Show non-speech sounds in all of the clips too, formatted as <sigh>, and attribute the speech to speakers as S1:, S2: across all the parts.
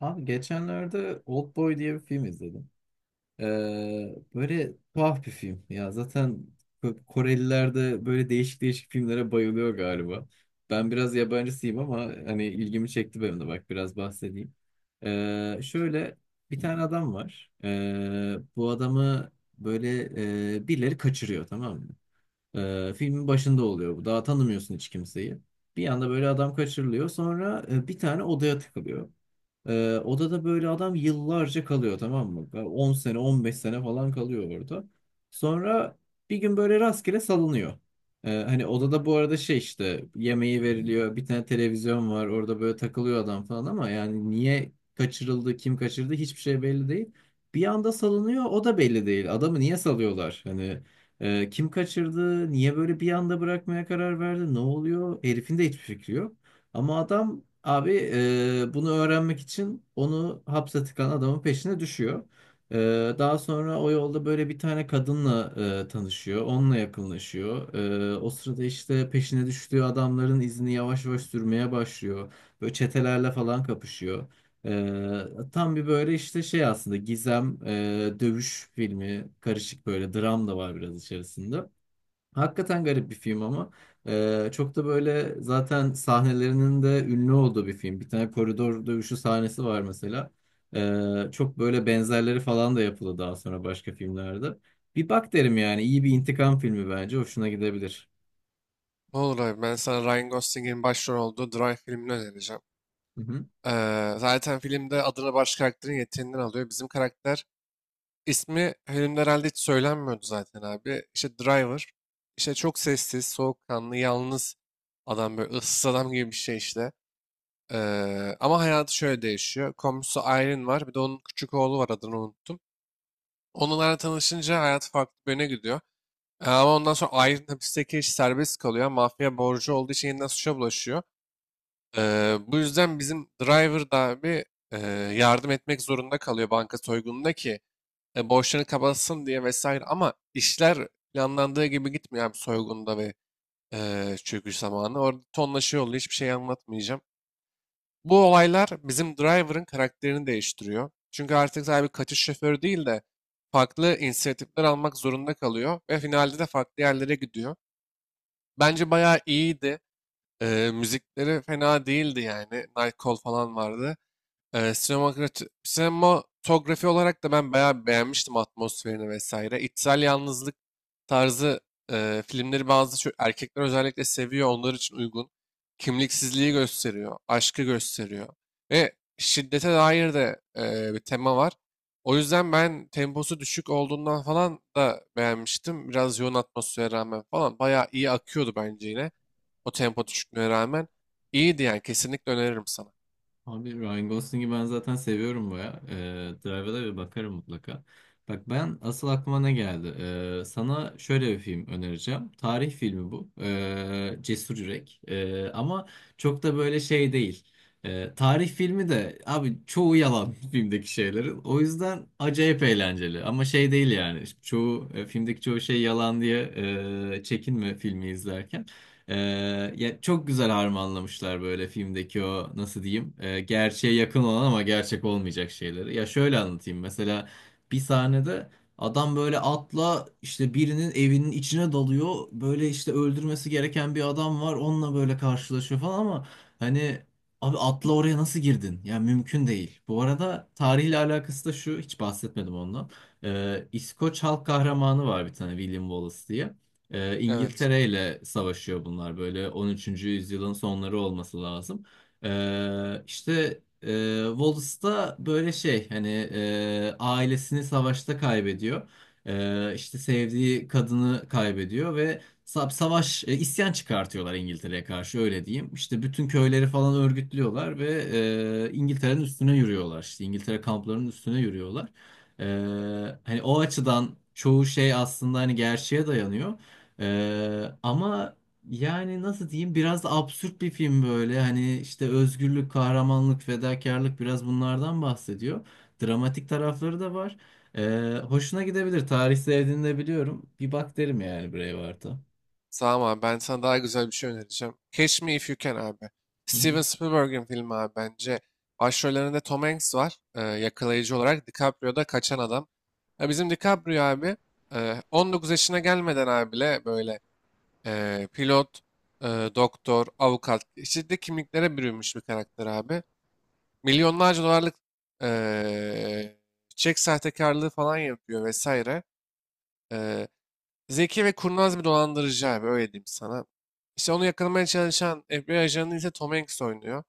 S1: Abi geçenlerde Oldboy diye bir film izledim. Böyle tuhaf bir film. Ya zaten Koreliler de böyle değişik değişik filmlere bayılıyor galiba. Ben biraz yabancısıyım ama hani ilgimi çekti benim de bak biraz bahsedeyim. Şöyle bir tane adam var. Bu adamı böyle birileri kaçırıyor, tamam mı? Filmin başında oluyor bu. Daha tanımıyorsun hiç kimseyi. Bir anda böyle adam kaçırılıyor. Sonra bir tane odaya tıkılıyor. Odada böyle adam yıllarca kalıyor, tamam mı? Böyle 10 sene 15 sene falan kalıyor orada. Sonra bir gün böyle rastgele salınıyor. Hani odada bu arada şey işte yemeği veriliyor, bir tane televizyon var, orada böyle takılıyor adam falan, ama yani niye kaçırıldı, kim kaçırdı, hiçbir şey belli değil. Bir anda salınıyor, o da belli değil. Adamı niye salıyorlar? Hani kim kaçırdı? Niye böyle bir anda bırakmaya karar verdi? Ne oluyor? Herifin de hiçbir fikri yok. Ama adam abi bunu öğrenmek için onu hapse tıkan adamın peşine düşüyor. E, daha sonra o yolda böyle bir tane kadınla tanışıyor. Onunla yakınlaşıyor. O sırada işte peşine düştüğü adamların izini yavaş yavaş sürmeye başlıyor. Böyle çetelerle falan kapışıyor. Tam bir böyle işte şey, aslında gizem, dövüş filmi karışık, böyle dram da var biraz içerisinde. Hakikaten garip bir film, ama çok da böyle zaten sahnelerinin de ünlü olduğu bir film. Bir tane koridor dövüşü sahnesi var mesela. Çok böyle benzerleri falan da yapıldı daha sonra başka filmlerde. Bir bak derim yani, iyi bir intikam filmi, bence hoşuna gidebilir.
S2: Ne olur abi, ben sana Ryan Gosling'in başrol olduğu Drive filmini önereceğim.
S1: Hı hı.
S2: Zaten filmde adını baş karakterin yeteneğinden alıyor. Bizim karakter ismi filmde herhalde hiç söylenmiyordu zaten abi. İşte Driver. İşte çok sessiz, soğukkanlı, yalnız adam, böyle ıssız adam gibi bir şey işte. Ama hayatı şöyle değişiyor. Komşusu Irene var. Bir de onun küçük oğlu var, adını unuttum. Onlarla tanışınca hayat farklı bir yöne gidiyor. Ama ondan sonra Irene hapisteki iş serbest kalıyor. Mafya borcu olduğu için yeniden suça bulaşıyor. Bu yüzden bizim driver da abi eee, yardım etmek zorunda kalıyor banka soygununda ki borçlarını kapatsın diye vesaire. Ama işler planlandığı gibi gitmiyor abi, soygunda, ve çöküş zamanı. Orada tonlaşıyor oluyor, hiçbir şey anlatmayacağım. Bu olaylar bizim driver'ın karakterini değiştiriyor. Çünkü artık sadece bir kaçış şoförü değil de farklı inisiyatifler almak zorunda kalıyor ve finalde de farklı yerlere gidiyor. Bence bayağı iyiydi. Müzikleri fena değildi yani. Nightcall falan vardı. Sinematografi olarak da ben bayağı beğenmiştim atmosferini vesaire. İçsel yalnızlık tarzı filmleri bazı erkekler özellikle seviyor. Onlar için uygun. Kimliksizliği gösteriyor. Aşkı gösteriyor. Ve şiddete dair de bir tema var. O yüzden ben temposu düşük olduğundan falan da beğenmiştim. Biraz yoğun atmosfere rağmen falan. Bayağı iyi akıyordu bence yine. O tempo düşüklüğüne rağmen. İyiydi yani. Kesinlikle öneririm sana.
S1: Abi Ryan Gosling'i ben zaten seviyorum baya. Drive'a da bir bakarım mutlaka. Bak, ben asıl aklıma ne geldi? Sana şöyle bir film önereceğim. Tarih filmi bu. Cesur Yürek. Ama çok da böyle şey değil. Tarih filmi de abi, çoğu yalan <laughs> filmdeki şeylerin. O yüzden acayip eğlenceli. Ama şey değil yani. Çoğu filmdeki çoğu şey yalan diye çekinme filmi izlerken. Ya çok güzel harmanlamışlar böyle filmdeki o, nasıl diyeyim, gerçeğe yakın olan ama gerçek olmayacak şeyleri. Ya şöyle anlatayım, mesela bir sahnede adam böyle atla işte birinin evinin içine dalıyor, böyle işte öldürmesi gereken bir adam var, onunla böyle karşılaşıyor falan, ama hani abi, atla oraya nasıl girdin? Ya mümkün değil. Bu arada tarihle alakası da şu, hiç bahsetmedim ondan. İskoç halk kahramanı var bir tane, William Wallace diye. Ee,
S2: Evet.
S1: İngiltere ile savaşıyor bunlar, böyle 13. yüzyılın sonları olması lazım. İşte Wallace da böyle şey, hani ailesini savaşta kaybediyor. İşte sevdiği kadını kaybediyor ve savaş isyan çıkartıyorlar İngiltere'ye karşı, öyle diyeyim. İşte bütün köyleri falan örgütlüyorlar ve İngiltere'nin üstüne yürüyorlar. İşte İngiltere kamplarının üstüne yürüyorlar. Ee, hani o açıdan çoğu şey aslında hani gerçeğe dayanıyor. Ama yani nasıl diyeyim, biraz da absürt bir film böyle. Hani işte özgürlük, kahramanlık, fedakarlık, biraz bunlardan bahsediyor. Dramatik tarafları da var. Hoşuna gidebilir. Tarih sevdiğini de biliyorum. Bir bak derim yani Braveheart'a.
S2: Tamam abi, ben sana daha güzel bir şey önereceğim. Catch Me If You Can abi. Steven Spielberg'in filmi abi bence. Başrollerinde Tom Hanks var yakalayıcı olarak. DiCaprio da kaçan adam. Ya bizim DiCaprio abi 19 yaşına gelmeden abi bile böyle pilot, e, doktor, avukat, çeşitli kimliklere bürünmüş bir karakter abi. Milyonlarca dolarlık e, çek sahtekarlığı falan yapıyor vesaire. E, Zeki ve kurnaz bir dolandırıcı abi, öyle diyeyim sana. İşte onu yakalamaya çalışan FBI ajanı ise Tom Hanks oynuyor.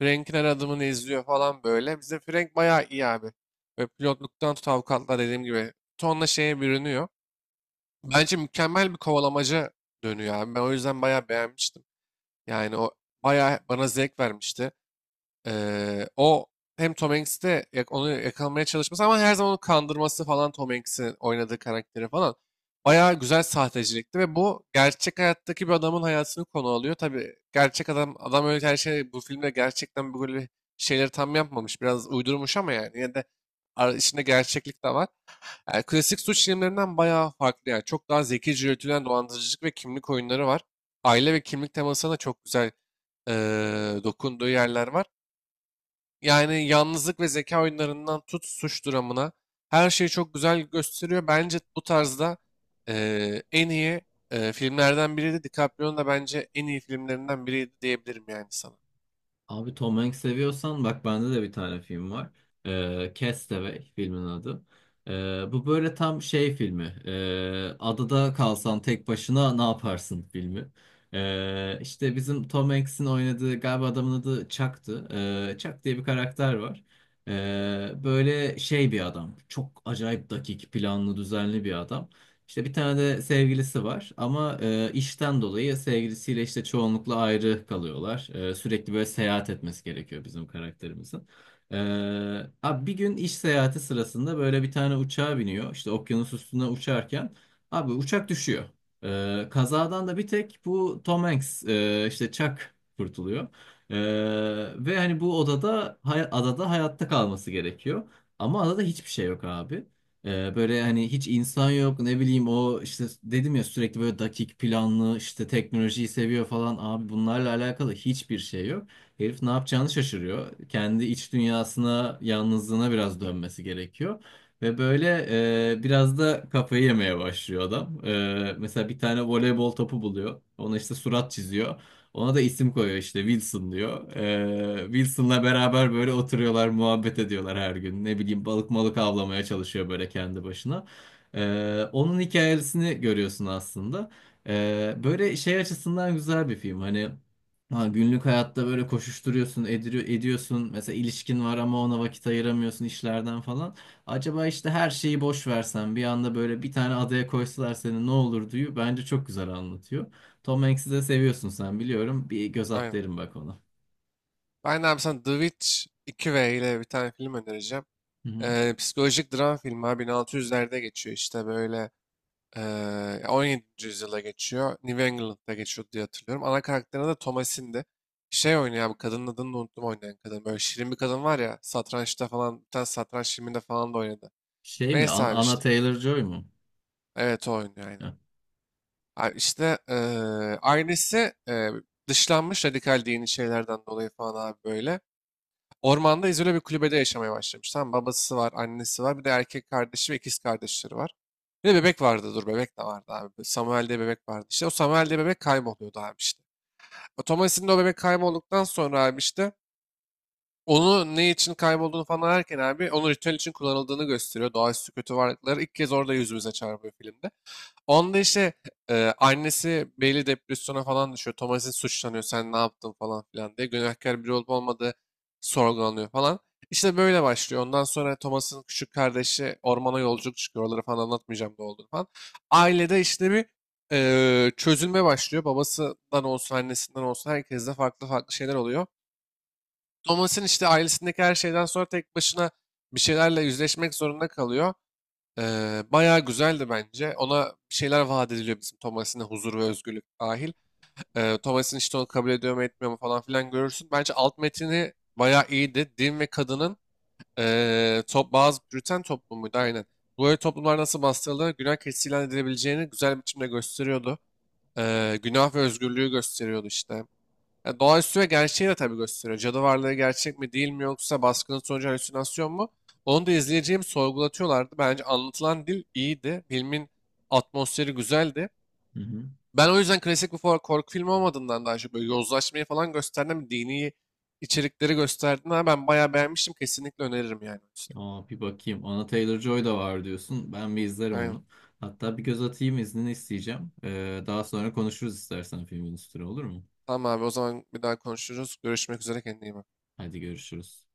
S2: Frank'in her adımını izliyor falan böyle. Bizim Frank bayağı iyi abi. Ve pilotluktan tut avukatlar, dediğim gibi tonla şeye bürünüyor. Bence mükemmel bir kovalamaca dönüyor abi. Ben o yüzden bayağı beğenmiştim. Yani o bayağı bana zevk vermişti. O hem Tom Hanks'te onu yakalamaya çalışması ama her zaman onu kandırması falan, Tom Hanks'in oynadığı karakteri falan bayağı güzel sahtecilikti, ve bu gerçek hayattaki bir adamın hayatını konu alıyor. Tabii gerçek adam adam öyle her şey bu filmde gerçekten böyle şeyleri tam yapmamış. Biraz uydurmuş ama yani yine de içinde gerçeklik de var. Yani klasik suç filmlerinden bayağı farklı yani. Çok daha zekice yürütülen dolandırıcılık ve kimlik oyunları var. Aile ve kimlik temasına da çok güzel eee, dokunduğu yerler var. Yani yalnızlık ve zeka oyunlarından tut suç dramına, her şeyi çok güzel gösteriyor. Bence bu tarzda en iyi filmlerden biriydi. DiCaprio'nun da bence en iyi filmlerinden biriydi diyebilirim yani sana.
S1: Abi, Tom Hanks seviyorsan, bak bende de bir tane film var. Castaway filmin adı. Bu böyle tam şey filmi. Adada kalsan tek başına ne yaparsın filmi. İşte bizim Tom Hanks'in oynadığı, galiba adamın adı Chuck'tı. Chuck diye bir karakter var. Böyle şey bir adam. Çok acayip dakik, planlı, düzenli bir adam. İşte bir tane de sevgilisi var, ama işten dolayı sevgilisiyle işte çoğunlukla ayrı kalıyorlar. Sürekli böyle seyahat etmesi gerekiyor bizim karakterimizin. E, abi bir gün iş seyahati sırasında böyle bir tane uçağa biniyor. İşte okyanus üstüne uçarken abi uçak düşüyor. Kazadan da bir tek bu Tom Hanks, işte Chuck kurtuluyor. E, ve hani bu odada adada hayatta kalması gerekiyor. Ama adada hiçbir şey yok abi. Böyle hani hiç insan yok, ne bileyim, o işte dedim ya, sürekli böyle dakik planlı, işte teknolojiyi seviyor falan abi, bunlarla alakalı hiçbir şey yok. Herif ne yapacağını şaşırıyor. Kendi iç dünyasına, yalnızlığına biraz dönmesi gerekiyor. Ve böyle biraz da kafayı yemeye başlıyor adam. Mesela bir tane voleybol topu buluyor. Ona işte surat çiziyor. Ona da isim koyuyor, işte Wilson diyor. Wilson'la beraber böyle oturuyorlar, muhabbet ediyorlar her gün. Ne bileyim balık malık avlamaya çalışıyor böyle kendi başına. Onun hikayesini görüyorsun aslında. Böyle şey açısından güzel bir film. Hani ha, günlük hayatta böyle koşuşturuyorsun, ediriyor, ediyorsun. Mesela ilişkin var ama ona vakit ayıramıyorsun işlerden falan. Acaba işte her şeyi boş versen, bir anda böyle bir tane adaya koysalar seni, ne olur diyor. Bence çok güzel anlatıyor. Tom Hanks'i de seviyorsun sen, biliyorum. Bir göz at
S2: Aynen.
S1: derim, bak ona.
S2: Ben de abi sana The Witch 2V ile bir tane film önereceğim.
S1: Hı hı.
S2: Psikolojik dram filmi abi, 1600'lerde geçiyor işte böyle. 17. yüzyıla geçiyor. New England'da geçiyor diye hatırlıyorum. Ana karakterine de Thomasin'di. Şey oynuyor abi, kadının adını da unuttum oynayan kadın. Böyle şirin bir kadın var ya, satrançta falan bir tane satranç filminde falan da oynadı.
S1: Şey mi?
S2: Neyse abi
S1: Anna
S2: işte.
S1: Taylor-Joy mu?
S2: Evet, o oynuyor aynen.
S1: Heh.
S2: Abi işte ailesi dışlanmış radikal dini şeylerden dolayı falan abi böyle. Ormanda izole bir kulübede yaşamaya başlamış. Tamam, babası var, annesi var, bir de erkek kardeşi ve ikiz kardeşleri var. Bir de bebek vardı, dur, bebek de vardı abi. Samuel diye bebek vardı işte. O Samuel diye bebek kayboluyordu abi işte. O Thomas'in de o bebek kaybolduktan sonra abi işte onu ne için kaybolduğunu falan ararken abi, onun ritüel için kullanıldığını gösteriyor. Doğaüstü kötü varlıkları ilk kez orada yüzümüze çarpıyor filmde. Onda işte annesi belli depresyona falan düşüyor. Thomas'in suçlanıyor. Sen ne yaptın falan filan diye. Günahkar biri olup olmadığı sorgulanıyor falan. İşte böyle başlıyor. Ondan sonra Thomas'ın küçük kardeşi ormana yolculuk çıkıyor. Oraları falan anlatmayacağım ne olduğunu falan. Ailede işte bir çözülme başlıyor. Babasından olsun, annesinden olsun herkeste farklı farklı şeyler oluyor. Thomas'ın işte ailesindeki her şeyden sonra tek başına bir şeylerle yüzleşmek zorunda kalıyor. Bayağı güzeldi bence. Ona bir şeyler vaat ediliyor bizim Thomas'ın, huzur ve özgürlük dahil. Thomas'ın işte onu kabul ediyor mu etmiyor mu falan filan görürsün. Bence alt metini bayağı iyiydi. Din ve kadının top, bazı Briten toplumuydu aynen. Böyle toplumlar nasıl bastırılır, günah keçisi ilan edilebileceğini güzel biçimde gösteriyordu. Günah ve özgürlüğü gösteriyordu işte. Ya, doğaüstü ve gerçeği de tabii gösteriyor. Cadı varlığı gerçek mi değil mi, yoksa baskının sonucu halüsinasyon mu? Onu da izleyeceğim sorgulatıyorlardı. Bence anlatılan dil iyiydi. Filmin atmosferi güzeldi.
S1: Hı hı.
S2: Ben o yüzden klasik bir korku filmi olmadığından daha çok böyle yozlaşmayı falan gösterdim. Dini içerikleri gösterdiğinden ben bayağı beğenmiştim. Kesinlikle öneririm yani. O
S1: Aa, bir bakayım. Anna Taylor-Joy da var diyorsun. Ben bir izlerim
S2: aynen.
S1: onu. Hatta bir göz atayım, iznini isteyeceğim. Daha sonra konuşuruz istersen filmin üstüne, olur mu?
S2: Tamam abi, o zaman bir daha konuşuruz. Görüşmek üzere, kendine iyi bak.
S1: Hadi görüşürüz.